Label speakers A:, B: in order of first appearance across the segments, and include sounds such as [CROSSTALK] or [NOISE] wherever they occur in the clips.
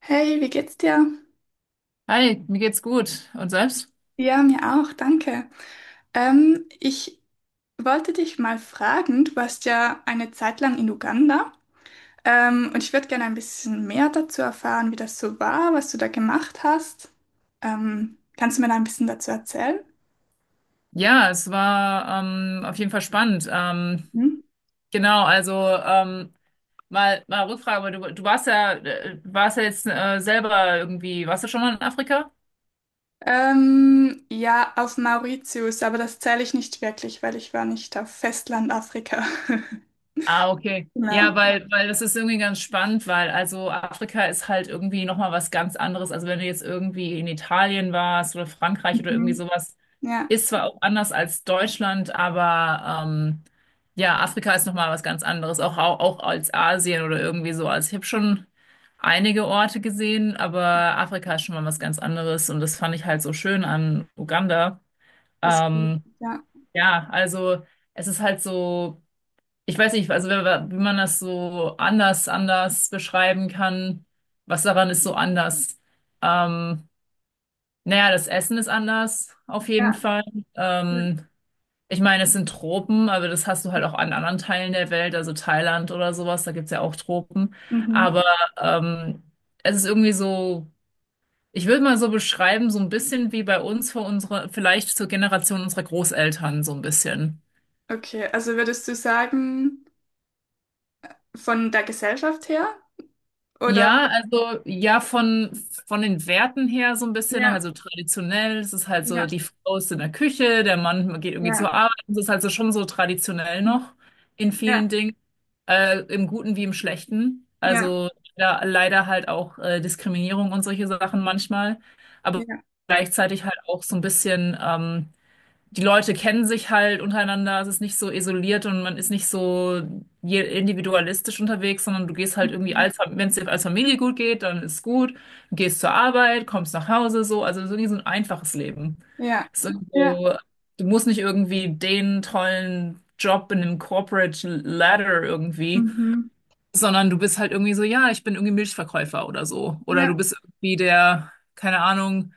A: Hey, wie geht's dir?
B: Hi, mir geht's gut. Und selbst?
A: Ja, mir auch, danke. Ich wollte dich mal fragen, du warst ja eine Zeit lang in Uganda, und ich würde gerne ein bisschen mehr dazu erfahren, wie das so war, was du da gemacht hast. Kannst du mir da ein bisschen dazu erzählen?
B: Ja, es war auf jeden Fall spannend.
A: Mhm.
B: Genau, also ähm, mal Rückfrage, aber du warst ja jetzt selber irgendwie, warst du schon mal in Afrika?
A: Ja, auf Mauritius, aber das zähle ich nicht wirklich, weil ich war nicht auf Festland Afrika. [LAUGHS]
B: Ah, okay. Ja,
A: Genau.
B: weil das ist irgendwie ganz spannend, weil also Afrika ist halt irgendwie nochmal was ganz anderes. Also wenn du jetzt irgendwie in Italien warst oder Frankreich oder irgendwie
A: Mhm.
B: sowas,
A: Ja,
B: ist zwar auch anders als Deutschland, aber ja, Afrika ist nochmal was ganz anderes. Auch als Asien oder irgendwie so. Also ich habe schon einige Orte gesehen, aber Afrika ist schon mal was ganz anderes und das fand ich halt so schön an Uganda.
A: das geht.
B: Ähm,
A: Ja.
B: ja, also es ist halt so, ich weiß nicht, also wenn, wie man das so anders beschreiben kann, was daran ist so anders. Ähm, naja, das Essen ist anders, auf jeden
A: Ja.
B: Fall.
A: Ja.
B: Ähm, ich meine, es sind Tropen, aber das hast du halt auch an anderen Teilen der Welt, also Thailand oder sowas, da gibt's ja auch Tropen. Aber
A: Mhm.
B: ähm, es ist irgendwie so, ich würde mal so beschreiben, so ein bisschen wie bei uns, vor unserer, vielleicht zur Generation unserer Großeltern, so ein bisschen.
A: Okay, also würdest du sagen, von der Gesellschaft her? Oder?
B: Ja, also ja, von den Werten her so ein bisschen,
A: Ja,
B: also traditionell, es ist halt so,
A: ja,
B: die Frau ist in der Küche, der Mann geht irgendwie
A: ja,
B: zur Arbeit, es ist halt so schon so traditionell noch in vielen
A: ja,
B: Dingen, im Guten wie im Schlechten.
A: ja,
B: Also da leider halt auch Diskriminierung und solche Sachen manchmal, aber
A: ja,
B: gleichzeitig halt auch so ein bisschen die Leute kennen sich halt untereinander, es ist nicht so isoliert und man ist nicht so individualistisch unterwegs, sondern du gehst halt irgendwie
A: mhm,
B: als, wenn es dir als Familie gut geht, dann ist gut, du gehst zur Arbeit, kommst nach Hause, so, also so irgendwie so ein einfaches Leben.
A: ja,
B: Es ist irgendwie
A: ja,
B: so, du musst nicht irgendwie den tollen Job in einem Corporate Ladder irgendwie,
A: mhm,
B: sondern du bist halt irgendwie so, ja, ich bin irgendwie Milchverkäufer oder so, oder
A: ja,
B: du bist irgendwie der, keine Ahnung,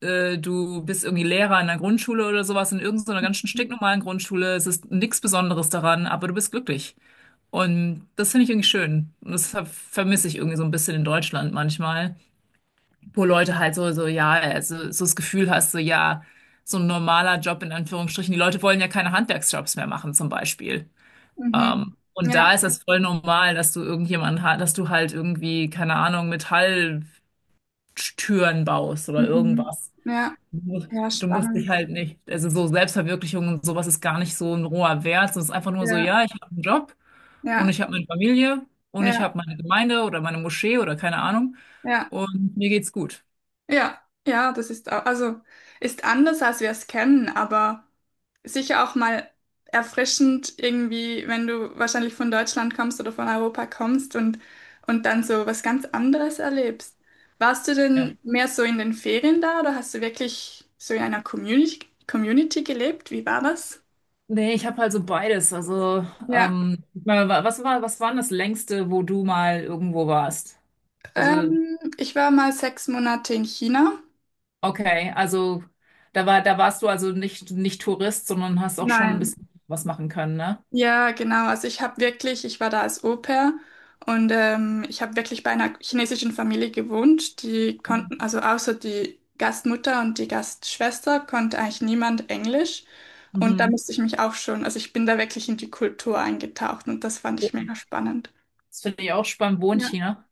B: du bist irgendwie Lehrer in einer Grundschule oder sowas, in irgendeiner ganz stinknormalen Grundschule. Es ist nichts Besonderes daran, aber du bist glücklich. Und das finde ich irgendwie schön. Und das vermisse ich irgendwie so ein bisschen in Deutschland manchmal, wo Leute halt ja, also, so das Gefühl hast, so, ja, so ein normaler Job in Anführungsstrichen. Die Leute wollen ja keine Handwerksjobs mehr machen, zum Beispiel.
A: mhm,
B: Und da
A: ja,
B: ist das voll normal, dass du dass du halt irgendwie, keine Ahnung, Metalltüren baust oder
A: mhm,
B: irgendwas.
A: ja,
B: Du musst,
A: ja,
B: du musst dich
A: spannend.
B: halt nicht, also so Selbstverwirklichung und sowas ist gar nicht so ein roher Wert, es ist einfach nur so,
A: Ja,
B: ja, ich habe einen Job und
A: ja,
B: ich habe meine Familie und ich
A: ja,
B: habe meine Gemeinde oder meine Moschee oder keine Ahnung
A: ja.
B: und mir geht's gut.
A: Ja, ja, das ist au- also ist anders, als wir es kennen, aber sicher auch mal erfrischend irgendwie, wenn du wahrscheinlich von Deutschland kommst oder von Europa kommst und dann so was ganz anderes erlebst. Warst du denn
B: Ja.
A: mehr so in den Ferien da oder hast du wirklich so in einer Community gelebt? Wie war das?
B: Nee, ich habe halt so beides. Also,
A: Ja,
B: ich meine, was war denn das Längste, wo du mal irgendwo warst? Also,
A: ich war mal sechs Monate in China.
B: okay, also da war, da warst du also nicht Tourist, sondern hast auch schon ein
A: Nein.
B: bisschen was machen können, ne?
A: Ja, genau. Ich war da als Au-pair und ich habe wirklich bei einer chinesischen Familie gewohnt. Die konnten, also außer die Gastmutter und die Gastschwester konnte eigentlich niemand Englisch. Und da
B: Mhm.
A: musste ich mich auch schon, also ich bin da wirklich in die Kultur eingetaucht und das fand ich mega spannend.
B: Das finde ich auch spannend. Wo in
A: Ja,
B: China?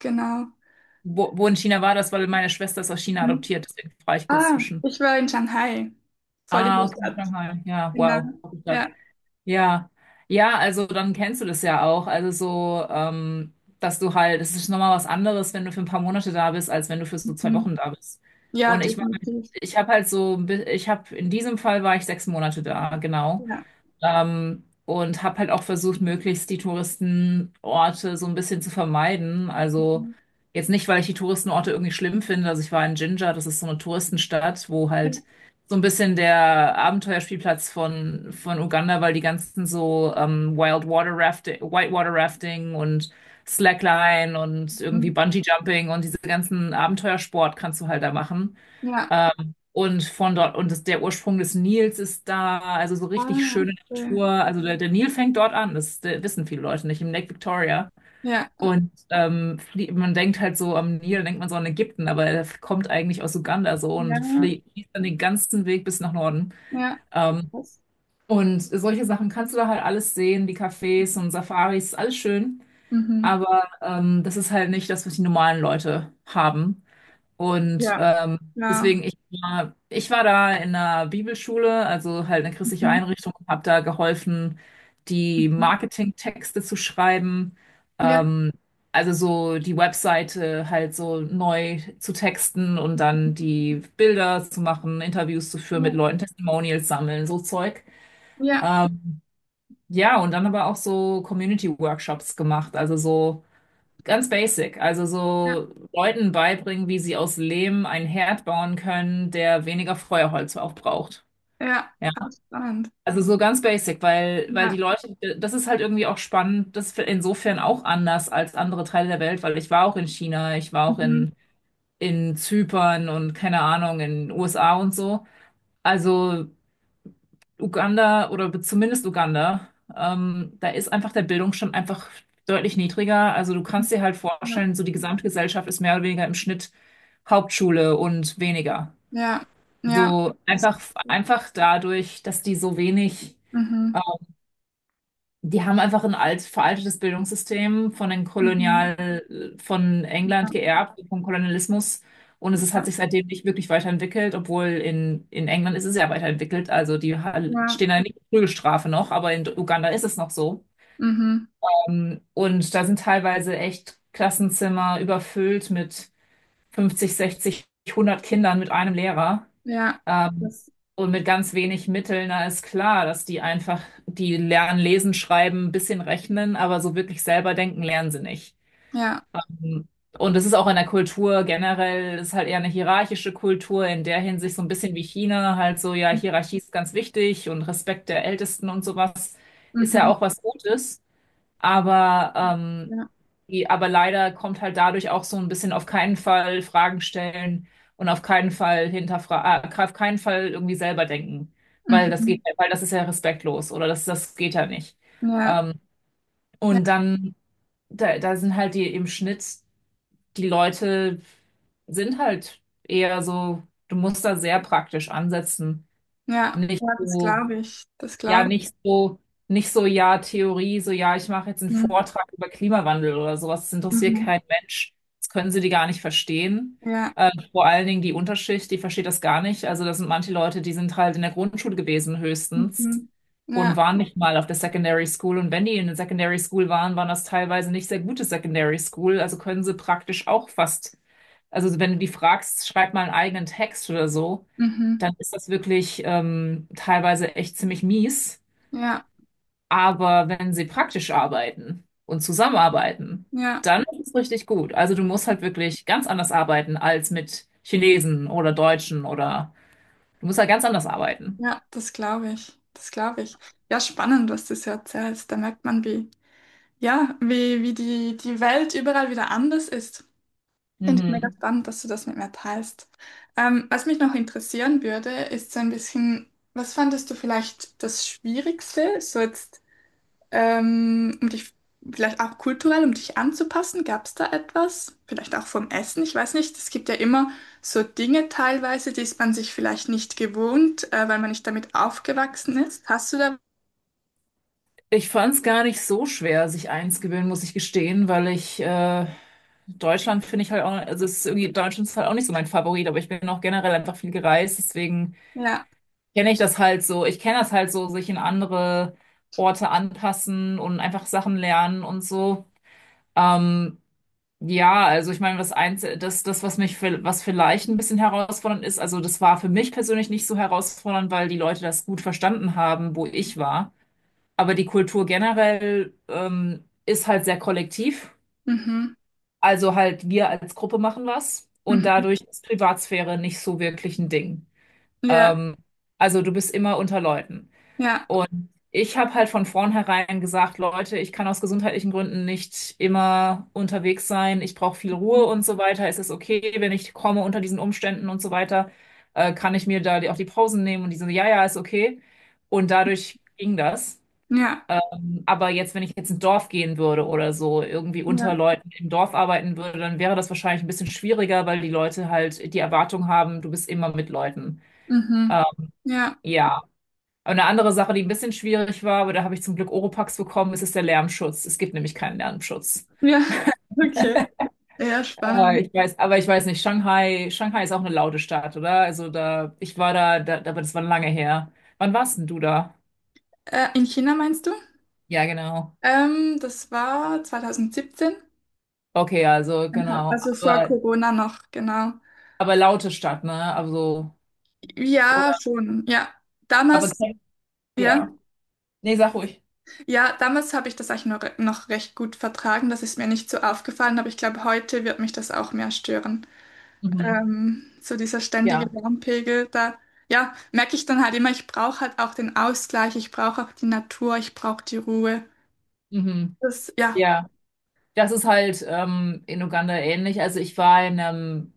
A: genau.
B: Wo in China war das? Weil meine Schwester ist aus China
A: Hm.
B: adoptiert. Deswegen frage ich kurz
A: Ah,
B: zwischen.
A: ich war in Shanghai, voll in
B: Ah,
A: der
B: okay,
A: Stadt.
B: Shanghai. Ja,
A: Genau.
B: wow. Gute Stadt.
A: Ja,
B: Ja. Ja, also dann kennst du das ja auch. Also so, dass du halt, es ist nochmal was anderes, wenn du für ein paar Monate da bist, als wenn du für so zwei
A: mhm.
B: Wochen da bist.
A: Ja,
B: Und ich war,
A: definitiv.
B: ich habe halt so, ich habe, in diesem Fall war ich 6 Monate da, genau.
A: Ja.
B: Und habe halt auch versucht, möglichst die Touristenorte so ein bisschen zu vermeiden. Also
A: Mhm.
B: jetzt nicht, weil ich die Touristenorte irgendwie schlimm finde. Also ich war in Jinja, das ist so eine Touristenstadt, wo
A: Ja.
B: halt so ein bisschen der Abenteuerspielplatz von Uganda, weil die ganzen so Wild Water Rafting, Whitewater Rafting und Slackline und irgendwie
A: Mhm.
B: Bungee Jumping und diese ganzen Abenteuersport kannst du halt da machen.
A: Ja.
B: Und von dort, und das, der Ursprung des Nils ist da, also so richtig
A: Ah,
B: schöne
A: okay.
B: Natur. Also der Nil fängt dort an, das wissen viele Leute nicht, im Lake Victoria.
A: Ja,
B: Und man denkt halt so am Nil, denkt man so an Ägypten, aber er kommt eigentlich aus Uganda so und
A: ja,
B: fließt dann den ganzen Weg bis nach Norden.
A: ja.
B: Ähm,
A: Das.
B: und solche Sachen kannst du da halt alles sehen, die Cafés und Safaris, ist alles schön.
A: Mhm.
B: Aber das ist halt nicht das, was die normalen Leute haben. Und
A: Ja. Ja.
B: deswegen, ich war da in einer Bibelschule, also halt eine christliche
A: Mhm.
B: Einrichtung, habe da geholfen, die
A: Mhm.
B: Marketingtexte zu schreiben,
A: Ja.
B: ähm, also so die Webseite halt so neu zu texten und dann die Bilder zu machen, Interviews zu führen mit
A: Ja,
B: Leuten, Testimonials sammeln, so Zeug.
A: ja,
B: Ähm, ja, und dann aber auch so Community-Workshops gemacht, also so ganz basic, also
A: ja,
B: so Leuten beibringen, wie sie aus Lehm einen Herd bauen können, der weniger Feuerholz auch braucht.
A: ja,
B: Ja,
A: ganz spannend.
B: also so ganz basic, weil die
A: Ja,
B: Leute, das ist halt irgendwie auch spannend, das ist insofern auch anders als andere Teile der Welt, weil ich war auch in China, ich war auch
A: mhm.
B: in Zypern und keine Ahnung, in den USA und so. Also Uganda oder zumindest Uganda, da ist einfach der Bildungsstand einfach deutlich niedriger. Also du
A: Mhm,
B: kannst dir halt
A: ja,
B: vorstellen, so die gesamte Gesellschaft ist mehr oder weniger im Schnitt Hauptschule und weniger.
A: ja, ja,
B: So
A: das,
B: einfach, einfach dadurch, dass die so wenig
A: mhm.
B: die haben einfach ein alt, veraltetes Bildungssystem von den
A: Mhm.
B: Kolonial, von
A: Ja,
B: England geerbt, vom Kolonialismus. Und es ist, hat
A: ja,
B: sich seitdem nicht wirklich weiterentwickelt, obwohl in England ist es ja weiterentwickelt. Also die
A: ja,
B: stehen da nicht in Prügelstrafe noch, aber in Uganda ist es noch so.
A: mhm.
B: Und da sind teilweise echt Klassenzimmer überfüllt mit 50, 60, 100 Kindern mit einem Lehrer.
A: Ja,
B: Ähm,
A: das,
B: und mit ganz wenig Mitteln, na ist klar, dass die einfach, die lernen lesen, schreiben, ein bisschen rechnen, aber so wirklich selber denken lernen sie nicht.
A: ja,
B: Und es ist auch in der Kultur generell, es ist halt eher eine hierarchische Kultur, in der Hinsicht so ein bisschen wie China, halt so, ja, Hierarchie ist ganz wichtig und Respekt der Ältesten und sowas ist ja
A: mhm.
B: auch was Gutes, aber ähm,
A: Ja,
B: aber leider kommt halt dadurch auch so ein bisschen auf keinen Fall Fragen stellen und auf keinen Fall hinterfragen, auf keinen Fall irgendwie selber denken, weil das
A: mhm.
B: geht, weil das ist ja respektlos oder das, das geht ja nicht.
A: Ja,
B: Ähm,
A: ja,
B: und dann, da sind halt die im Schnitt, die Leute sind halt eher so, du musst da sehr praktisch ansetzen,
A: ja,
B: nicht
A: ja, das
B: so.
A: glaube ich, das
B: Ja,
A: glaube ich.
B: nicht so, nicht so, ja, Theorie, so, ja, ich mache jetzt einen
A: Mhm.
B: Vortrag über Klimawandel oder sowas. Das interessiert
A: Mhm.
B: kein Mensch. Das können sie die gar nicht verstehen.
A: Ja,
B: Vor allen Dingen die Unterschicht, die versteht das gar nicht. Also, das sind manche Leute, die sind halt in der Grundschule gewesen, höchstens,
A: mhm.
B: und
A: Ja,
B: waren nicht mal auf der Secondary School. Und wenn die in der Secondary School waren, waren das teilweise nicht sehr gute Secondary School. Also können sie praktisch auch fast, also wenn du die fragst, schreib mal einen eigenen Text oder so,
A: mhm.
B: dann ist das wirklich teilweise echt ziemlich mies.
A: Ja,
B: Aber wenn sie praktisch arbeiten und zusammenarbeiten,
A: ja.
B: dann ist es richtig gut. Also du musst halt wirklich ganz anders arbeiten als mit Chinesen oder Deutschen oder du musst halt ganz anders arbeiten.
A: Ja, das glaube ich. Das glaube ich. Ja, spannend, was du so erzählst. Da merkt man, wie, ja, wie, die Welt überall wieder anders ist. Finde ich mega
B: Mhm.
A: spannend, dass du das mit mir teilst. Was mich noch interessieren würde, ist so ein bisschen, was fandest du vielleicht das Schwierigste? So jetzt um dich vielleicht auch kulturell, um dich anzupassen, gab es da etwas? Vielleicht auch vom Essen, ich weiß nicht. Es gibt ja immer so Dinge teilweise, die ist man sich vielleicht nicht gewohnt, weil man nicht damit aufgewachsen ist. Hast du da?
B: Ich fand es gar nicht so schwer, sich einzugewöhnen, muss ich gestehen, weil ich Deutschland finde ich halt auch, also es ist irgendwie, Deutschland ist halt auch nicht so mein Favorit, aber ich bin auch generell einfach viel gereist, deswegen
A: Ja.
B: kenne ich das halt so. Ich kenne das halt so, sich in andere Orte anpassen und einfach Sachen lernen und so. Ähm, ja, also ich meine, was eins, was mich, was vielleicht ein bisschen herausfordernd ist, also das war für mich persönlich nicht so herausfordernd, weil die Leute das gut verstanden haben, wo ich war. Aber die Kultur generell, ist halt sehr kollektiv.
A: Mhm.
B: Also halt wir als Gruppe machen was und
A: Mhm.
B: dadurch ist Privatsphäre nicht so wirklich ein Ding.
A: Ja,
B: Ähm, also du bist immer unter Leuten.
A: ja,
B: Ich habe halt von vornherein gesagt, Leute, ich kann aus gesundheitlichen Gründen nicht immer unterwegs sein. Ich brauche viel Ruhe und so weiter. Es ist okay, wenn ich komme unter diesen Umständen und so weiter, kann ich mir da die, auch die Pausen nehmen und die so, ja, ja, ist okay. Und dadurch ging das.
A: ja,
B: Aber jetzt, wenn ich jetzt ins Dorf gehen würde oder so, irgendwie
A: ja,
B: unter Leuten im Dorf arbeiten würde, dann wäre das wahrscheinlich ein bisschen schwieriger, weil die Leute halt die Erwartung haben, du bist immer mit Leuten.
A: mhm.
B: Ähm,
A: Ja,
B: ja. Und eine andere Sache, die ein bisschen schwierig war, aber da habe ich zum Glück Oropax bekommen, ist der Lärmschutz. Es gibt nämlich keinen Lärmschutz.
A: ja, [LAUGHS] okay. Ja, spannend.
B: Ich weiß, aber ich weiß nicht, Shanghai ist auch eine laute Stadt, oder? Also da, ich war da, aber das war lange her. Wann warst denn du da?
A: In China meinst du?
B: Ja, genau.
A: Das war 2017,
B: Okay, also genau.
A: also vor Corona noch, genau.
B: Aber laute Stadt, ne? Also, oder,
A: Ja, schon, ja.
B: aber
A: Damals, ja,
B: ja. Nee, sag ruhig.
A: ja, damals habe ich das eigentlich noch recht gut vertragen. Das ist mir nicht so aufgefallen, aber ich glaube, heute wird mich das auch mehr stören.
B: Mhm.
A: So dieser ständige
B: Ja.
A: Lärmpegel, da, ja, merke ich dann halt immer, ich brauche halt auch den Ausgleich, ich brauche auch die Natur, ich brauche die Ruhe.
B: Mhm.
A: Das, ja.
B: Ja. Das ist halt in Uganda ähnlich. Also ich war in einem,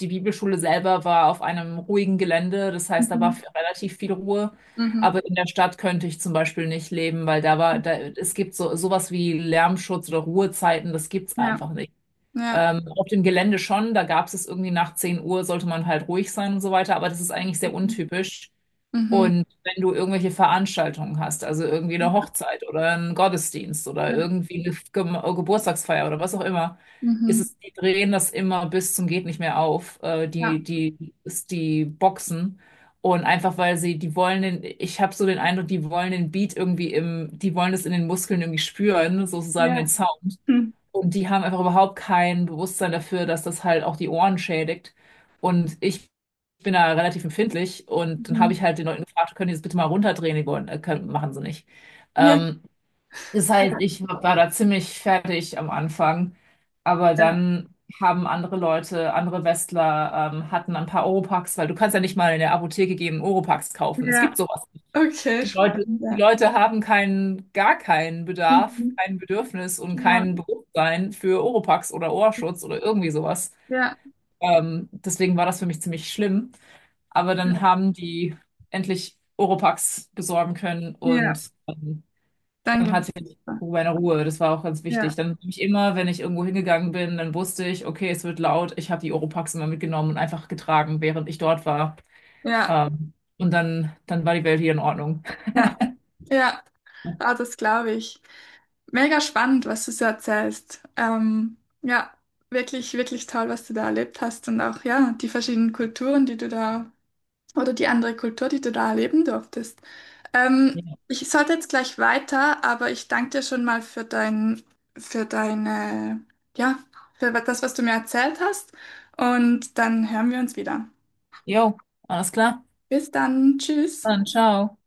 B: die Bibelschule selber war auf einem ruhigen Gelände, das heißt, da war
A: Mhm.
B: relativ viel Ruhe.
A: Mhm.
B: Aber in der Stadt könnte ich zum Beispiel nicht leben, weil da, es gibt so sowas wie Lärmschutz oder Ruhezeiten, das gibt's
A: Ja,
B: einfach nicht.
A: ja.
B: Auf dem Gelände schon, da gab es irgendwie nach 10 Uhr, sollte man halt ruhig sein und so weiter, aber das ist eigentlich sehr untypisch.
A: Mhm.
B: Und wenn du irgendwelche Veranstaltungen hast, also irgendwie eine
A: Mhm.
B: Hochzeit oder einen Gottesdienst oder
A: Ja,
B: irgendwie eine Ge Geburtstagsfeier oder was auch immer, ist
A: mhm.
B: es, die drehen das immer bis zum geht nicht mehr auf,
A: Ja,
B: ist die Boxen. Und einfach weil sie, die wollen den, ich habe so den Eindruck, die wollen den Beat irgendwie im, die wollen es in den Muskeln irgendwie spüren,
A: ja.
B: sozusagen den Sound.
A: Mhm.
B: Und die haben einfach überhaupt kein Bewusstsein dafür, dass das halt auch die Ohren schädigt. Und ich bin da relativ empfindlich und dann habe
A: Mhm.
B: ich halt den Leuten gefragt, können die das bitte mal runterdrehen? Die wollen, können, machen sie nicht.
A: Ja,
B: Ähm, das heißt,
A: ja,
B: ich war da ziemlich fertig am Anfang, aber
A: ja.
B: dann haben andere Leute, andere Westler, hatten ein paar Oropax, weil du kannst ja nicht mal in der Apotheke gehen und Oropax kaufen. Es gibt
A: Ja.
B: sowas.
A: Okay, spannend.
B: Die
A: Ja.
B: Leute haben keinen, gar keinen Bedarf,
A: Mhm.
B: kein Bedürfnis und
A: Ja,
B: kein Bewusstsein für Oropax oder Ohrschutz oder irgendwie sowas.
A: ja,
B: Deswegen war das für mich ziemlich schlimm. Aber
A: ja,
B: dann haben die endlich Oropax besorgen können
A: ja,
B: und dann
A: danke.
B: hatte ich irgendwo meine Ruhe. Das war auch ganz wichtig.
A: Ja,
B: Dann habe ich immer, wenn ich irgendwo hingegangen bin, dann wusste ich, okay, es wird laut. Ich habe die Oropax immer mitgenommen und einfach getragen, während ich dort war.
A: ja,
B: Und dann war die Welt hier in Ordnung.
A: ja, ja, ah, das glaube ich. Mega spannend, was du so erzählst. Ja, wirklich, wirklich toll, was du da erlebt hast und auch, ja, die verschiedenen Kulturen, die du da, oder die andere Kultur, die du da erleben durftest. Ich sollte jetzt gleich weiter, aber ich danke dir schon mal für deine, ja, für das, was du mir erzählt hast und dann hören wir uns wieder.
B: Jo, alles klar.
A: Bis dann. Tschüss.
B: Dann ciao.